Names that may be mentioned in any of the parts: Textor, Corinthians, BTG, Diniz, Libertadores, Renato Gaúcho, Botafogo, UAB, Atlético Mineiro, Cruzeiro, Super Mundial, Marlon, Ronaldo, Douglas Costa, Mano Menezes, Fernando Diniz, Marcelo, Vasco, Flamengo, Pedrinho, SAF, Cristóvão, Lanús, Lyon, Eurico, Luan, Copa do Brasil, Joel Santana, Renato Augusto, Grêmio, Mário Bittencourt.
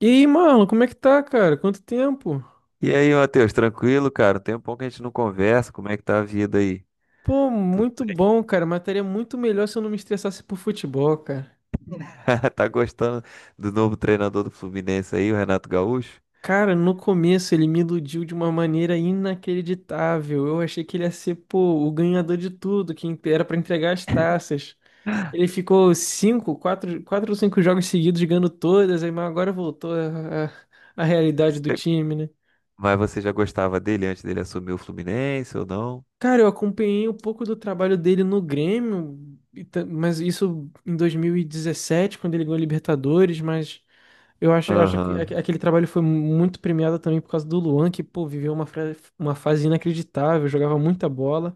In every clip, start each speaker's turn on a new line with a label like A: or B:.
A: E aí, Marlon, como é que tá, cara? Quanto tempo?
B: E aí, Matheus, tranquilo, cara? Tem um pouco que a gente não conversa. Como é que tá a vida aí?
A: Pô,
B: Tu
A: muito bom, cara. Mas muito melhor se eu não me estressasse por futebol, cara.
B: tá gostando do novo treinador do Fluminense aí, o Renato Gaúcho?
A: Cara, no começo ele me iludiu de uma maneira inacreditável. Eu achei que ele ia ser, pô, o ganhador de tudo, que era pra entregar as taças. Ele ficou cinco, quatro, quatro ou cinco jogos seguidos ganhando todas, aí mas agora voltou a, a realidade do
B: Você-
A: time, né?
B: Mas você já gostava dele antes dele assumir o Fluminense ou não?
A: Cara, eu acompanhei um pouco do trabalho dele no Grêmio, mas isso em 2017 quando ele ganhou a Libertadores, mas eu acho que aque-
B: Aham.
A: aquele trabalho foi muito premiado também por causa do Luan, que, pô, viveu uma fase inacreditável, jogava muita bola.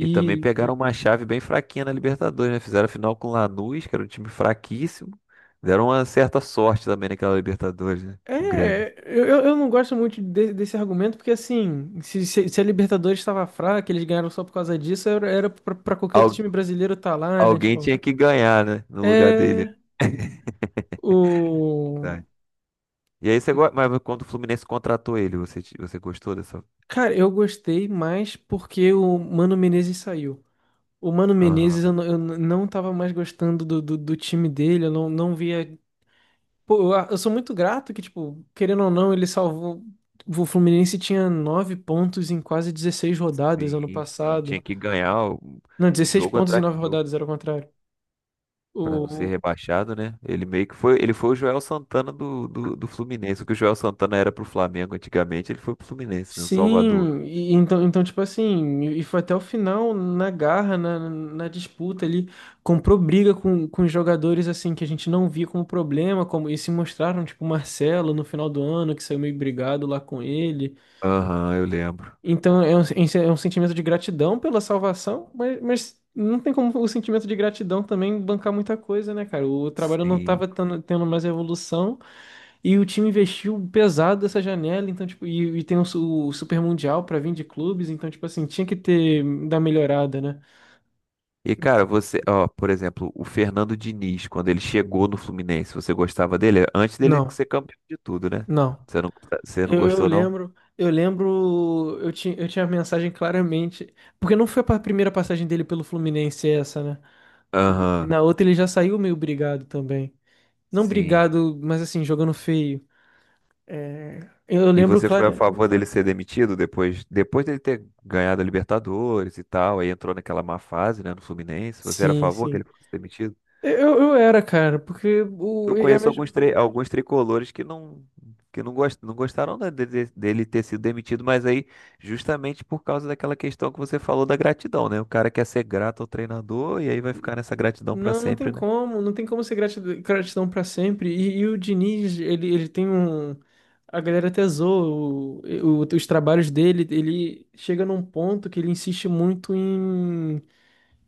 B: E também pegaram uma chave bem fraquinha na Libertadores, né? Fizeram a final com o Lanús, que era um time fraquíssimo. Deram uma certa sorte também naquela Libertadores, né? O Grêmio.
A: eu não gosto muito desse argumento, porque assim, se, se a Libertadores estava fraca, eles ganharam só por causa disso, era pra qualquer outro
B: Al-
A: time brasileiro estar lá, né?
B: Alguém
A: Tipo,
B: tinha que ganhar, né? No lugar dele.
A: é. O...
B: E aí você gosta, mas quando o Fluminense contratou ele, você, você gostou dessa?
A: Cara, eu gostei mais porque o Mano Menezes saiu. O Mano Menezes,
B: Aham.
A: não eu não tava mais gostando do time dele, eu não via. Pô, eu sou muito grato que, tipo, querendo ou não, ele salvou. O Fluminense tinha nove pontos em quase 16 rodadas ano
B: Sim, sim. Tinha
A: passado.
B: que ganhar
A: Não, 16
B: jogo
A: pontos em
B: atrás
A: nove
B: de jogo
A: rodadas, era o contrário.
B: para não ser
A: O,
B: rebaixado, né? Ele meio que foi, ele foi o Joel Santana do Fluminense. O que o Joel Santana era pro Flamengo antigamente, ele foi pro Fluminense, né? O Salvador.
A: Sim, então, tipo assim, e foi até o final na garra, na, na disputa ali, comprou briga com os jogadores, assim, que a gente não via como problema, como, e se mostraram, tipo, o Marcelo no final do ano, que saiu meio brigado lá com ele.
B: Aham, eu lembro.
A: Então, é um sentimento de gratidão pela salvação, mas não tem como o sentimento de gratidão também bancar muita coisa, né, cara? O trabalho não tava
B: Sim.
A: tendo mais evolução, e o time investiu pesado nessa janela, então, tipo, e tem o Super Mundial pra vir de clubes, então, tipo assim, tinha que ter da melhorada, né?
B: E cara, você, ó, por exemplo, o Fernando Diniz, quando ele chegou no Fluminense, você gostava dele? Antes dele
A: Não,
B: ser campeão de tudo, né?
A: não.
B: Você não, você não
A: Eu, eu
B: gostou, não?
A: lembro, eu lembro, eu tinha a mensagem claramente, porque não foi a primeira passagem dele pelo Fluminense essa, né? E
B: Aham,
A: na outra ele já saiu meio brigado também. Não
B: sim.
A: brigado, mas assim, jogando feio. É, eu
B: E
A: lembro
B: você foi a
A: claro.
B: favor dele ser demitido depois dele ter ganhado a Libertadores e tal, aí entrou naquela má fase, né, no Fluminense. Você era a
A: Sim,
B: favor que ele
A: sim.
B: fosse demitido?
A: Eu era, cara, porque
B: Eu
A: é a
B: conheço
A: mesma.
B: alguns, alguns tricolores que não gostaram dele ter sido demitido, mas aí justamente por causa daquela questão que você falou da gratidão, né? O cara quer ser grato ao treinador e aí vai ficar nessa gratidão pra
A: Não, não tem
B: sempre, né?
A: como, não tem como ser gratidão pra sempre. E o Diniz, ele tem um. A galera até zoa os trabalhos dele. Ele chega num ponto que ele insiste muito em,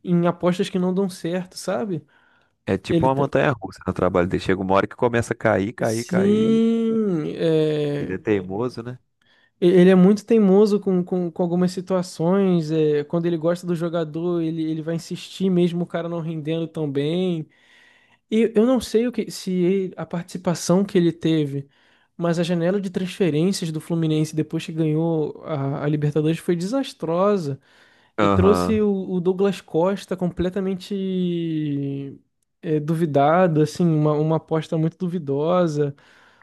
A: em apostas que não dão certo, sabe?
B: É tipo
A: Ele
B: uma
A: tem-
B: montanha-russa no trabalho dele. Chega uma hora que começa a cair, cair, cair.
A: Sim,
B: Ele é teimoso, né?
A: ele é muito teimoso com algumas situações. É, quando ele gosta do jogador, ele vai insistir mesmo o cara não rendendo tão bem. E eu não sei o que, se ele- a participação que ele teve, mas a janela de transferências do Fluminense depois que ganhou a Libertadores foi desastrosa e
B: Aham.
A: trouxe o Douglas Costa completamente duvidado, assim, uma aposta muito duvidosa.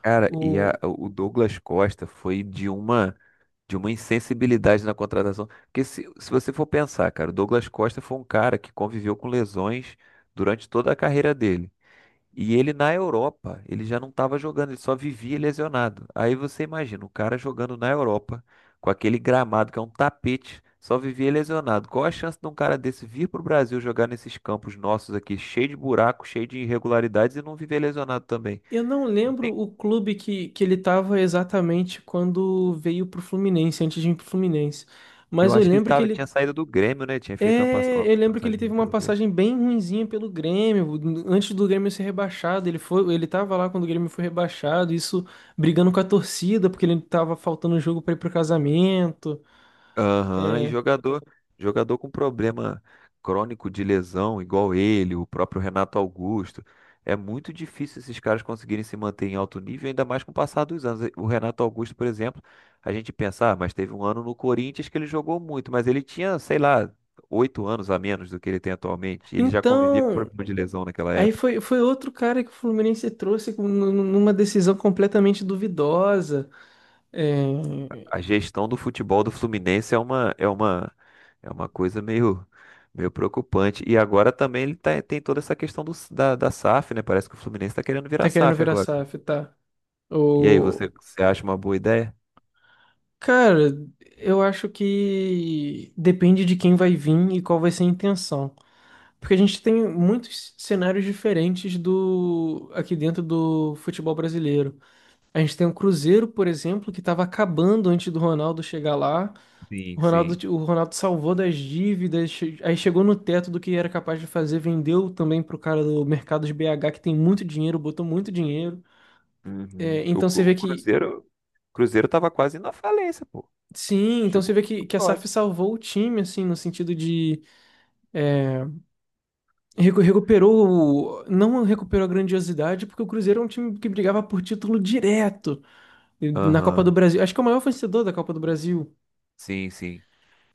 B: Cara,
A: O,
B: o Douglas Costa foi de uma insensibilidade na contratação. Porque se você for pensar, cara, o Douglas Costa foi um cara que conviveu com lesões durante toda a carreira dele. E ele na Europa, ele já não estava jogando, ele só vivia lesionado. Aí você imagina, o cara jogando na Europa, com aquele gramado que é um tapete, só vivia lesionado. Qual a chance de um cara desse vir para o Brasil jogar nesses campos nossos aqui, cheio de buracos, cheio de irregularidades e não viver lesionado também?
A: eu não lembro o clube que ele estava exatamente quando veio pro Fluminense, antes de ir pro Fluminense.
B: Eu
A: Mas eu
B: acho que ele
A: lembro que
B: tava, tinha
A: ele
B: saído do Grêmio, né? Tinha feito
A: É,
B: uma
A: eu lembro que ele
B: passagem
A: teve
B: ruim
A: uma
B: pelo Grêmio.
A: passagem bem ruinzinha pelo Grêmio, antes do Grêmio ser rebaixado, ele tava lá quando o Grêmio foi rebaixado, isso brigando com a torcida, porque ele tava faltando jogo pra ir pro casamento.
B: Aham, e
A: É.
B: jogador, jogador com problema crônico de lesão, igual ele, o próprio Renato Augusto. É muito difícil esses caras conseguirem se manter em alto nível, ainda mais com o passar dos anos. O Renato Augusto, por exemplo, a gente pensa, ah, mas teve um ano no Corinthians que ele jogou muito, mas ele tinha, sei lá, 8 anos a menos do que ele tem atualmente. Ele já convivia com
A: Então,
B: problema de lesão naquela
A: aí
B: época.
A: foi outro cara que o Fluminense trouxe numa decisão completamente duvidosa. É,
B: A gestão do futebol do Fluminense é uma é uma coisa meio preocupante. E agora também ele tem toda essa questão da SAF, né? Parece que o Fluminense está querendo virar
A: tá querendo
B: SAF
A: virar
B: agora.
A: SAF, tá?
B: E aí,
A: O
B: você, você acha uma boa ideia?
A: cara, eu acho que depende de quem vai vir e qual vai ser a intenção. Porque a gente tem muitos cenários diferentes do aqui dentro do futebol brasileiro. A gente tem o Cruzeiro, por exemplo, que estava acabando antes do Ronaldo chegar lá.
B: Sim,
A: O
B: sim.
A: Ronaldo, o Ronaldo salvou das dívidas, aí chegou no teto do que era capaz de fazer, vendeu também pro cara do mercado de BH, que tem muito dinheiro, botou muito dinheiro. É,
B: Uhum. O,
A: então você
B: Cru-
A: vê
B: o
A: que.
B: Cruzeiro o Cruzeiro tava quase na falência, pô.
A: Sim, então você
B: Chegou
A: vê que,
B: muito
A: que a SAF
B: próximo.
A: salvou o time, assim, no sentido. Recuperou, não recuperou a grandiosidade, porque o Cruzeiro é um time que brigava por título direto na Copa do
B: Aham.
A: Brasil. Acho que é o maior vencedor da Copa do Brasil.
B: Sim, sim.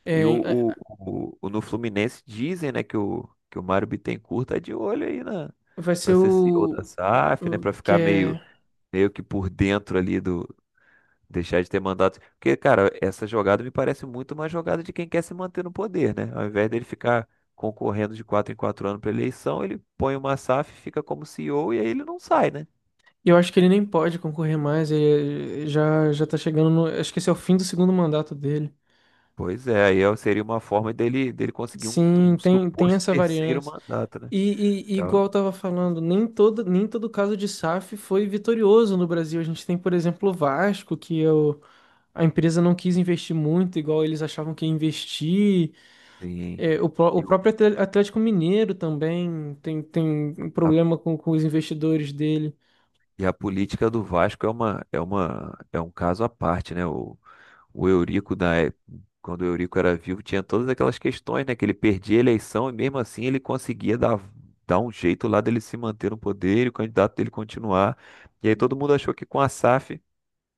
A: É,
B: E o, o,
A: é,
B: no Fluminense dizem, né, que o Mário Bittencourt tá de olho aí na
A: vai ser
B: para ser CEO da
A: o,
B: SAF, né,
A: o
B: para
A: que
B: ficar meio
A: é.
B: meio que por dentro ali do deixar de ter mandato. Porque, cara, essa jogada me parece muito uma jogada de quem quer se manter no poder, né? Ao invés dele, ficar concorrendo de quatro em quatro anos para eleição, ele põe uma SAF, fica como CEO e O e aí ele não sai, né?
A: Eu acho que ele nem pode concorrer mais. Ele já tá chegando no. Acho que esse é o fim do segundo mandato dele.
B: Pois é, aí seria uma forma dele conseguir um,
A: Sim,
B: um
A: tem
B: suposto
A: essa
B: terceiro
A: variância.
B: mandato, né?
A: E igual
B: Então,
A: eu tava falando, nem todo caso de SAF foi vitorioso no Brasil. A gente tem, por exemplo, o Vasco. Que é o A empresa não quis investir muito, igual eles achavam que ia investir.
B: sim.
A: É, o, pró- o
B: E, o-
A: próprio Atlético Mineiro também tem um
B: a,
A: problema com os investidores dele.
B: e a política do Vasco é um caso à parte, né? O Eurico, na época, quando o Eurico era vivo, tinha todas aquelas questões, né? Que ele perdia a eleição e mesmo assim ele conseguia dar um jeito lá dele se manter no poder e o candidato dele continuar. E aí todo mundo achou que com a SAF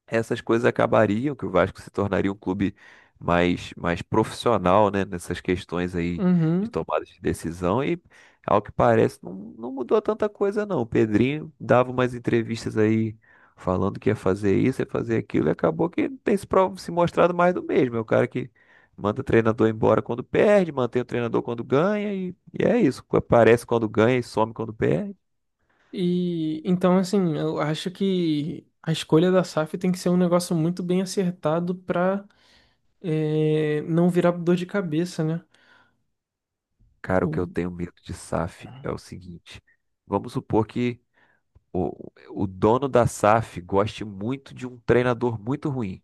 B: essas coisas acabariam, que o Vasco se tornaria um clube mais profissional, né, nessas questões aí de
A: Uhum.
B: tomada de decisão e, ao que parece, não mudou tanta coisa não. O Pedrinho dava umas entrevistas aí falando que ia fazer isso, ia fazer aquilo e acabou que tem se mostrado mais do mesmo. É o cara que manda o treinador embora quando perde, mantém o treinador quando ganha e é isso. Aparece quando ganha e some quando perde.
A: E então, assim, eu acho que a escolha da SAF tem que ser um negócio muito bem acertado para não virar dor de cabeça, né?
B: Cara, o que
A: O,
B: eu tenho medo de SAF é o seguinte. Vamos supor que o dono da SAF goste muito de um treinador muito ruim.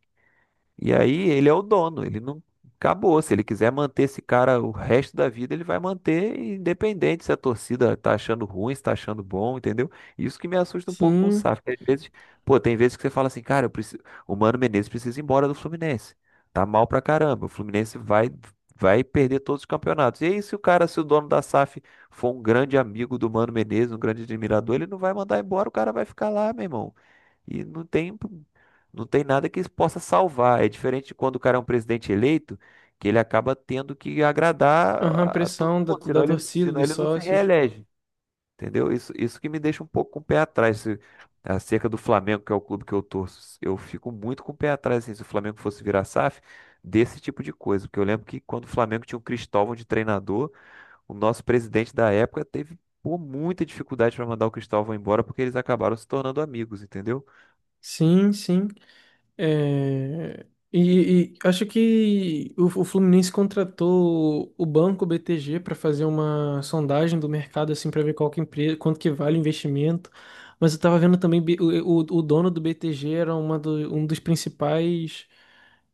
B: E aí ele é o dono, ele não acabou. Se ele quiser manter esse cara o resto da vida, ele vai manter independente se a torcida tá achando ruim, se tá achando bom, entendeu? Isso que me assusta um pouco com o
A: sim,
B: SAF. Porque às vezes, pô, tem vezes que você fala assim, cara, o Mano Menezes precisa ir embora do Fluminense. Tá mal pra caramba. O Fluminense vai perder todos os campeonatos. E aí, se o cara, se o dono da SAF for um grande amigo do Mano Menezes, um grande admirador, ele não vai mandar embora, o cara vai ficar lá, meu irmão. E não tem nada que isso possa salvar. É diferente de quando o cara é um presidente eleito, que ele acaba tendo que agradar
A: aham,
B: a todo
A: pressão da,
B: mundo, senão
A: da
B: ele,
A: torcida,
B: senão
A: dos
B: ele não se
A: sócios.
B: reelege. Entendeu? Isso que me deixa um pouco com o pé atrás. Acerca do Flamengo, que é o clube que eu torço, eu fico muito com o pé atrás assim, se o Flamengo fosse virar SAF, desse tipo de coisa. Porque eu lembro que quando o Flamengo tinha o Cristóvão de treinador, o nosso presidente da época teve pô, muita dificuldade para mandar o Cristóvão embora porque eles acabaram se tornando amigos, entendeu?
A: Sim, sim. É, e acho que o Fluminense contratou o banco BTG para fazer uma sondagem do mercado assim para ver qual que empresa, quanto que vale o investimento. Mas eu estava vendo também o dono do BTG era um dos principais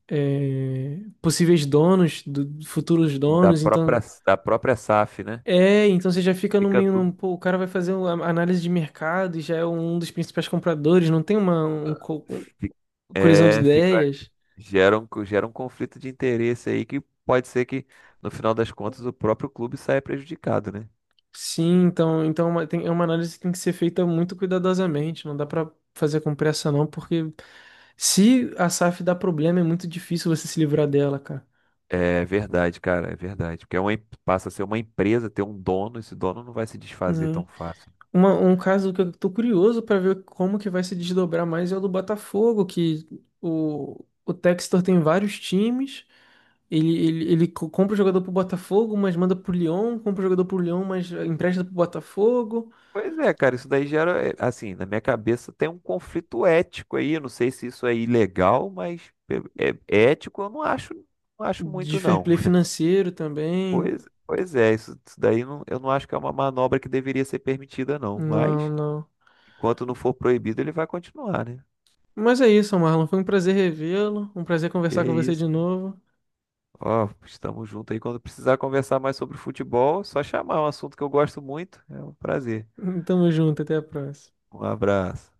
A: possíveis donos, futuros
B: da
A: donos. Então
B: própria, da própria SAF, né?
A: então você já fica no
B: Fica
A: meio,
B: tudo.
A: pô, o cara vai fazer uma análise de mercado e já é um dos principais compradores. Não tem uma
B: fi-
A: colisão de
B: É, fica,
A: ideias.
B: gera um conflito de interesse aí que pode ser que, no final das contas, o próprio clube saia prejudicado, né?
A: Sim, então é uma análise que tem que ser feita muito cuidadosamente, não dá para fazer com pressa não, porque se a SAF dá problema, é muito difícil você se livrar dela, cara,
B: É verdade, cara, é verdade. Porque é uma, passa a ser uma empresa, ter um dono, esse dono não vai se desfazer
A: né?
B: tão fácil.
A: Um caso que eu tô curioso para ver como que vai se desdobrar mais é o do Botafogo, que o Textor tem vários times, compra o jogador pro Botafogo, mas manda pro Lyon, compra o jogador pro Lyon, mas empresta pro Botafogo,
B: Pois é, cara, isso daí gera, é, assim, na minha cabeça tem um conflito ético aí. Eu não sei se isso é ilegal, mas é ético eu não acho, não acho
A: de
B: muito,
A: fair
B: não.
A: play financeiro também.
B: Pois é, isso daí eu não acho que é uma manobra que deveria ser permitida, não.
A: Não,
B: Mas,
A: não.
B: enquanto não for proibido, ele vai continuar, né?
A: Mas é isso, Marlon. Foi um prazer revê-lo, um prazer
B: Que
A: conversar
B: é
A: com você
B: isso.
A: de
B: Pô.
A: novo.
B: Ó, estamos juntos aí. Quando precisar conversar mais sobre futebol, é só chamar, é um assunto que eu gosto muito. É um prazer.
A: Tamo junto, até a próxima.
B: Um abraço.